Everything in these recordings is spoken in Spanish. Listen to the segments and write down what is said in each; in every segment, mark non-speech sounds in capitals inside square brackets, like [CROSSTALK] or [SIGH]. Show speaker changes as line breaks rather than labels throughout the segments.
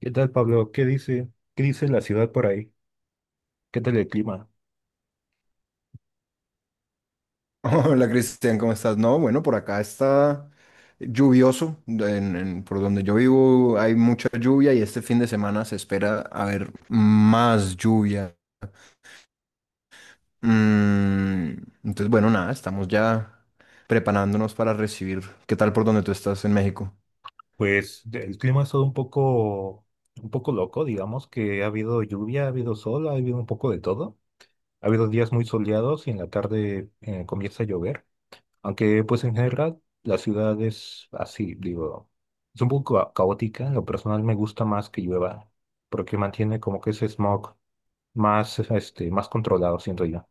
¿Qué tal, Pablo? ¿Qué dice? ¿Qué dice la ciudad por ahí? ¿Qué tal el clima?
Hola Cristian, ¿cómo estás? No, bueno, por acá está lluvioso, por donde yo vivo hay mucha lluvia y este fin de semana se espera haber más lluvia. Mm, entonces, bueno, nada, estamos ya preparándonos para recibir. ¿Qué tal por donde tú estás en México?
Pues el clima ha estado un poco loco, digamos que ha habido lluvia, ha habido sol, ha habido un poco de todo. Ha habido días muy soleados y en la tarde comienza a llover. Aunque pues en general la ciudad es así, digo, es un poco caótica. En lo personal me gusta más que llueva porque mantiene como que ese smog más, este, más controlado, siento yo.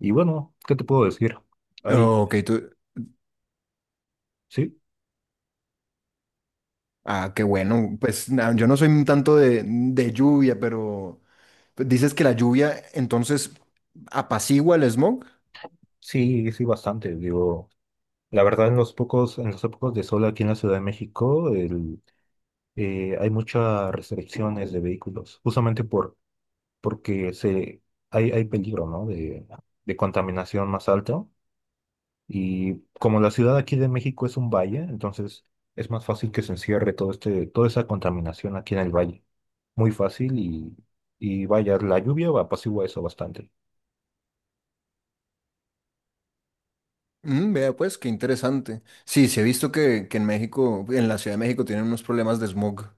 Y bueno, ¿qué te puedo decir? Ahí,
Oh, ok, tú,
sí.
ah, qué bueno, pues yo no soy tanto de lluvia, pero pues, dices que la lluvia entonces apacigua el smog.
Sí, sí, bastante. Digo, la verdad, en los pocos de sol aquí en la Ciudad de México, el, hay muchas restricciones de vehículos, justamente por, porque se, hay peligro, ¿no? De contaminación más alta. Y como la ciudad aquí de México es un valle, entonces es más fácil que se encierre todo este, toda esa contaminación aquí en el valle. Muy fácil y vaya, la lluvia apacigua eso bastante.
Mm, vea pues, qué interesante. Sí, sí he visto que en México, en la Ciudad de México tienen unos problemas de smog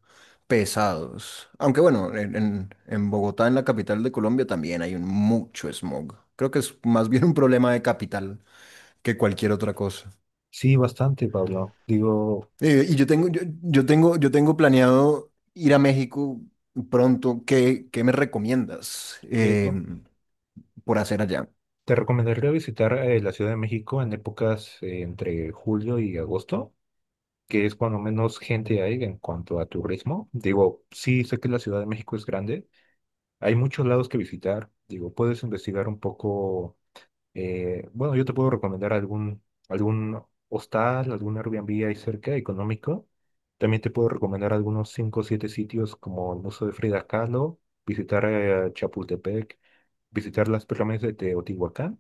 pesados. Aunque bueno, en Bogotá, en la capital de Colombia, también hay un mucho smog. Creo que es más bien un problema de capital que cualquier otra cosa.
Sí, bastante, Pablo. Digo,
Yo tengo planeado ir a México pronto. ¿ qué me recomiendas
eh,
por hacer allá?
Te recomendaría visitar la Ciudad de México en épocas entre julio y agosto, que es cuando menos gente hay en cuanto a turismo. Digo, sí, sé que la Ciudad de México es grande, hay muchos lados que visitar. Digo, puedes investigar un poco, bueno, yo te puedo recomendar algún, algún hostal, algún Airbnb ahí cerca, económico. También te puedo recomendar algunos 5 o 7 sitios como el Museo de Frida Kahlo, visitar Chapultepec, visitar las pirámides de Teotihuacán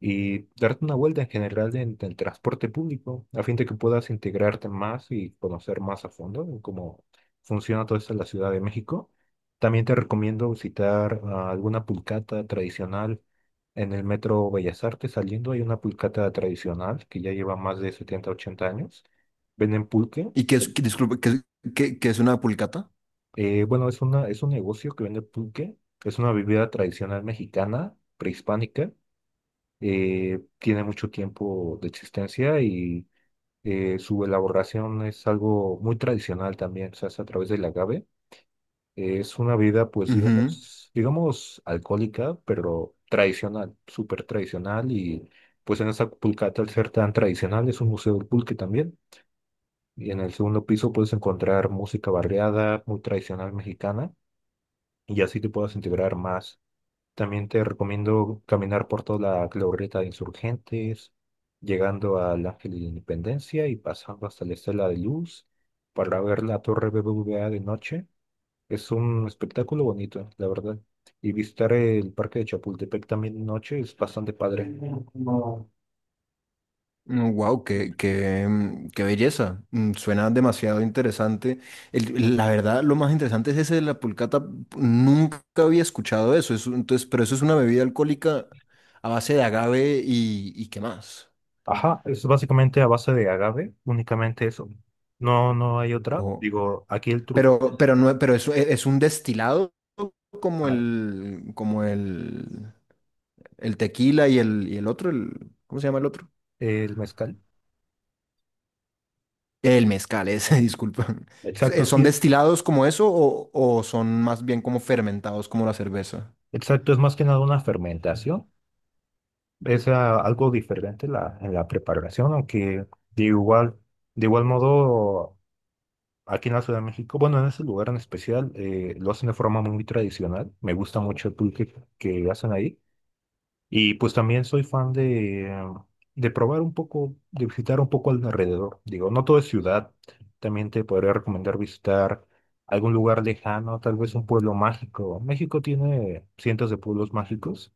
y darte una vuelta en general en el transporte público, a fin de que puedas integrarte más y conocer más a fondo en cómo funciona todo esto en la Ciudad de México. También te recomiendo visitar alguna pulcata tradicional en el metro Bellas Artes. Saliendo hay una pulcata tradicional que ya lleva más de 70 80 años. Venden pulque.
¿Y qué es, que- disculpe, qué, es qué- qué es una pulcata?
Bueno, es una, es un negocio que vende pulque. Es una bebida tradicional mexicana, prehispánica tiene mucho tiempo de existencia y su elaboración es algo muy tradicional también, se hace a través del agave. Es una vida, pues,
Ujú.
digamos, digamos, alcohólica, pero tradicional, súper tradicional y pues en esa pulcata, al ser tan tradicional, es un museo del pulque también. Y en el segundo piso puedes encontrar música barriada, muy tradicional mexicana, y así te puedas integrar más también te recomiendo caminar por toda la glorieta de Insurgentes, llegando al Ángel de la Independencia y pasando hasta la Estela de Luz para ver la Torre BBVA de noche. Es un espectáculo bonito, la verdad. Y visitar el Parque de Chapultepec también de noche es bastante padre. No.
Wow, qué belleza. Mm, suena demasiado interesante. La verdad, lo más interesante es ese de la pulcata. Nunca había escuchado eso. Entonces, pero eso es una bebida alcohólica a base de agave y qué más.
Ajá, es básicamente a base de agave, únicamente eso. No, no hay otra.
O-
Digo, aquí el truco.
pero no, pero eso es un destilado
Ah,
como el tequila y el otro, el, ¿cómo se llama el otro?
El mezcal.
El mezcal, ese, [LAUGHS] disculpa.
Exacto, sí
¿Son
es.
destilados como eso o son más bien como fermentados como la cerveza?
Exacto, es más que nada una fermentación es algo diferente la, en la preparación, aunque de igual, de igual modo, aquí en la Ciudad de México, bueno, en ese lugar en especial, lo hacen de forma muy tradicional. Me gusta mucho el pulque que hacen ahí. Y pues también soy fan de probar un poco, de visitar un poco alrededor. Digo, no todo es ciudad. También te podría recomendar visitar algún lugar lejano, tal vez un pueblo mágico. México tiene cientos de pueblos mágicos.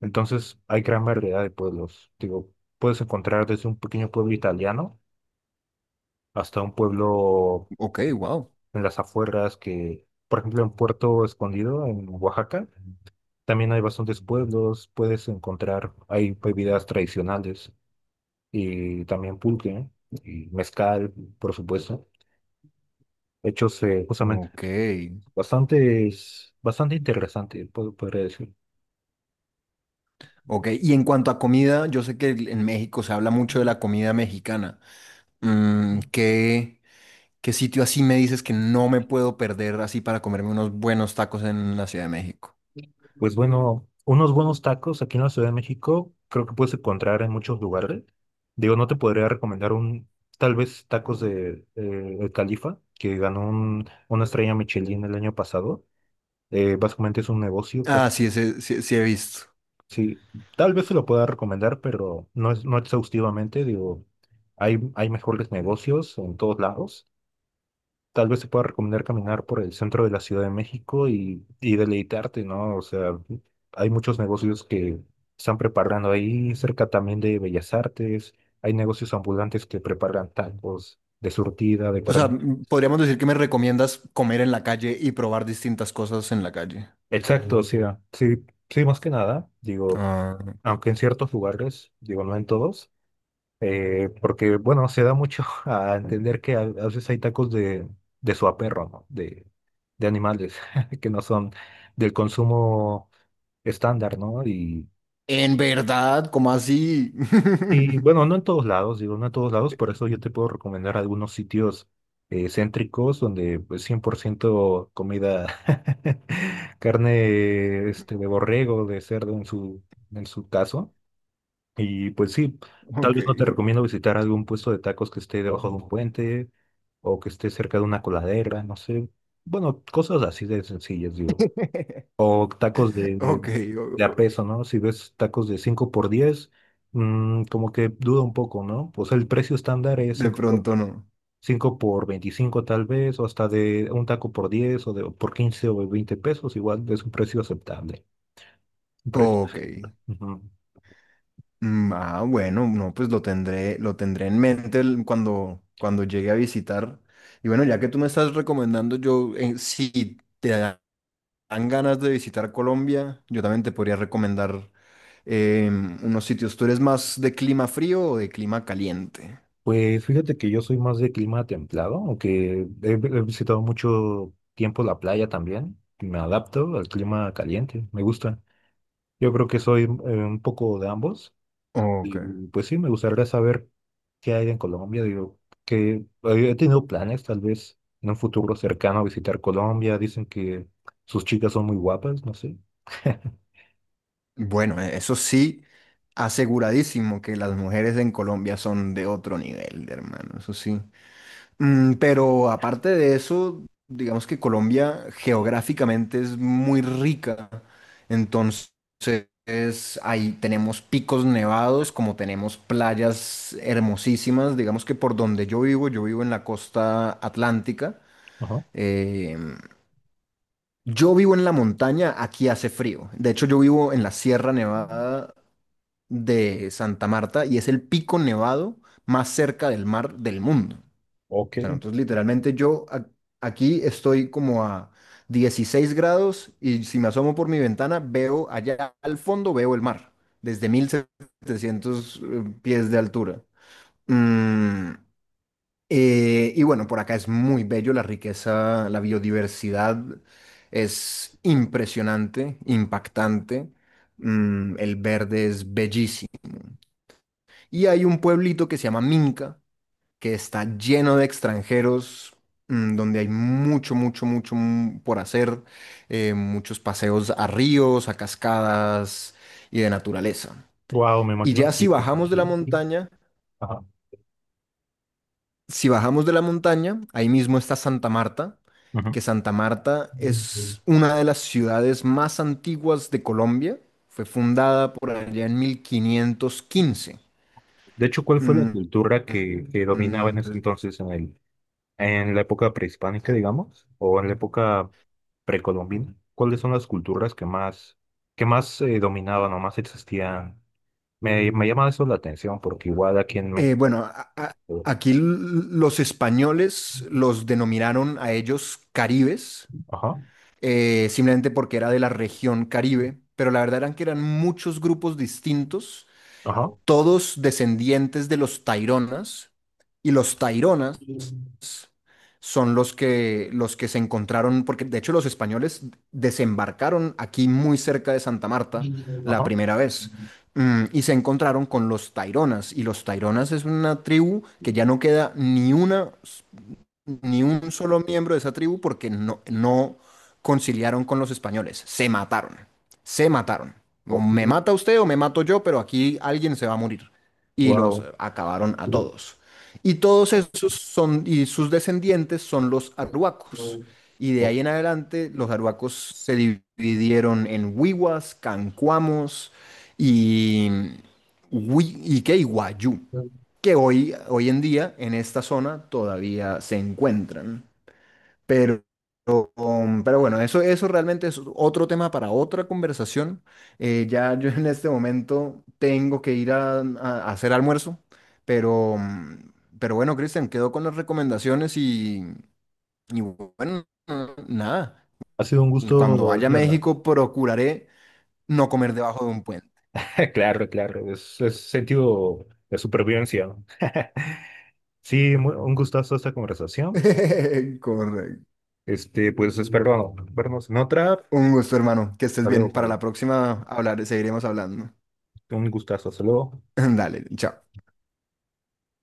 Entonces, hay gran variedad de pueblos. Digo, puedes encontrar desde un pequeño pueblo italiano hasta un pueblo
Ok, wow.
en las afueras que, por ejemplo, en Puerto Escondido, en Oaxaca, también hay bastantes pueblos. Puedes encontrar, hay bebidas tradicionales y también pulque y mezcal, por supuesto. Hechos justamente
Ok.
bastante, bastante interesante, podría decir.
Ok, y en cuanto a comida, yo sé que en México se habla mucho de la comida mexicana. Mm, ¿ qué sitio así me dices que no me puedo perder así para comerme unos buenos tacos en la Ciudad de México?
Pues bueno, unos buenos tacos aquí en la Ciudad de México creo que puedes encontrar en muchos lugares. Digo, no te podría recomendar un, tal vez tacos de El Califa, que ganó una estrella Michelin el año pasado. Básicamente es un negocio que
Ah, sí, sí, sí he visto.
sí, tal vez se lo pueda recomendar, pero no es, no exhaustivamente. Digo, hay mejores negocios en todos lados. Tal vez te pueda recomendar caminar por el centro de la Ciudad de México y deleitarte, ¿no? O sea, hay muchos negocios que están preparando ahí, cerca también de Bellas Artes, hay negocios ambulantes que preparan tacos de surtida, de
O sea,
carne.
mm, podríamos decir que me recomiendas comer en la calle y probar distintas cosas en la calle.
Exacto, o sea, sí, sí, más que nada, digo,
Ah.
aunque en ciertos lugares, digo, no en todos. Porque, bueno, se da mucho [LAUGHS] a entender que a veces hay tacos de suaperro, ¿no? De animales [LAUGHS] que no son del consumo estándar, ¿no?
¿En verdad? ¿Cómo así?
Y, bueno, no
[LAUGHS]
en todos lados, digo, no en todos lados, por eso yo te puedo recomendar algunos sitios céntricos donde pues 100% comida, [LAUGHS] carne este, de borrego, de cerdo en su caso. Y pues sí, tal
Ok,
vez no te recomiendo visitar algún puesto de tacos que esté debajo de un puente o que esté cerca de una coladera, no sé. Bueno, cosas así de sencillas, digo. O tacos
ok,
de a
o-
peso, ¿no? Si ves tacos de 5 por 10 como que duda un poco, ¿no? O sea, el precio estándar es
de
5 por,
pronto no.
5 por 25 tal vez, o hasta de un taco por 10 o de, por 15 o 20 pesos, igual es un precio aceptable. Un precio.
Ok.
Ujú.
Mm, ah, bueno, no, pues lo tendré en mente cuando, cuando llegue a visitar. Y bueno, ya que tú me estás recomendando, yo, si dan ganas de visitar Colombia, yo también te podría recomendar unos sitios. ¿Tú eres más de clima frío o de clima caliente?
Pues fíjate que yo soy más de clima templado, aunque he, he visitado mucho tiempo la playa también. Me adapto al clima caliente, me gusta. Yo creo que soy un poco de ambos.
Ok.
Y pues sí, me gustaría saber qué hay en Colombia. Digo, que he tenido planes, tal vez en un futuro cercano, visitar Colombia. Dicen que sus chicas son muy guapas, no sé. [LAUGHS]
Bueno, e, eso sí, aseguradísimo que las mujeres en Colombia son de otro nivel, hermano, eso sí. Mm, pero aparte de eso, digamos que Colombia geográficamente es muy rica, entonces ahí tenemos picos nevados, como tenemos playas hermosísimas, digamos que por donde yo vivo en la costa atlántica.
Ajá.
Eh, yo vivo en la montaña, aquí hace frío. De hecho, yo vivo en la Sierra Nevada de Santa Marta y es el pico nevado más cerca del mar del mundo.
Ok.
O sea, entonces literalmente yo aquí estoy como a 16 grados y si me asomo por mi ventana veo allá al fondo, veo el mar desde 1700 pies de altura. Mm, y bueno, por acá es muy bello la riqueza, la biodiversidad es impresionante, impactante. Mm, el verde es bellísimo. Y hay un pueblito que se llama Minca, que está lleno de extranjeros, mm, donde hay mucho, mucho, mucho mm, por hacer, muchos paseos a ríos, a cascadas y de naturaleza.
Wow, me
Y
imagino
ya si
que.
bajamos de la
Sí.
montaña,
Ajá.
si bajamos de la montaña, ahí mismo está Santa Marta, que Santa Marta
Ujú.
es una de las ciudades más antiguas de Colombia. Fue fundada por allá en 1515.
De hecho, ¿cuál fue la
Mm,
cultura que dominaba
mm,
en ese
mm,
entonces en el, en la época prehispánica, digamos, o en la época precolombina? ¿Cuáles son las culturas que más dominaban o más existían? Me llama eso la atención porque igual aquí en
eh,
México.
bueno, aquí los españoles los denominaron a ellos caribes,
Ajá,
simplemente porque era de la región Caribe, pero la verdad eran que eran muchos grupos distintos,
ajá,
todos descendientes de los Taironas, y los Taironas son los que se encontraron, porque de hecho los españoles desembarcaron aquí muy cerca de Santa Marta la
ajá.
primera vez. Mm, y se encontraron con los Taironas. Y los Taironas es una tribu que ya no queda ni una ni un solo miembro de esa tribu porque no, no conciliaron con los españoles. Se mataron. Se mataron. O me mata usted o me mato yo, pero aquí alguien se va a morir. Y los
Wow.
acabaron a todos. Y todos esos son, y sus descendientes son los arhuacos. Y de ahí en adelante, los arhuacos se dividieron en huihuas, cancuamos y, hui- ¿y qué? Y guayú que hoy, hoy en día en esta zona todavía se encuentran. Pero, pero bueno, eso realmente es otro tema para otra conversación. Ya [LAUGHS] yo en este momento tengo que ir a hacer almuerzo, pero, pero bueno, Cristian, quedo con las recomendaciones y bueno, nada.
Ha sido un gusto.
Cuando vaya a
[LAUGHS]
México procuraré no comer debajo de un puente.
Claro, claro, es sentido de supervivencia. [LAUGHS] Sí, un gustazo esta conversación.
[LAUGHS] Correcto.
Este, pues espero vernos en otra. Hasta
Un gusto, hermano. Que estés bien.
luego,
Para
Pablo.
la próxima hablar, seguiremos hablando.
Un gustazo, hasta luego.
[LAUGHS] Dale, chao.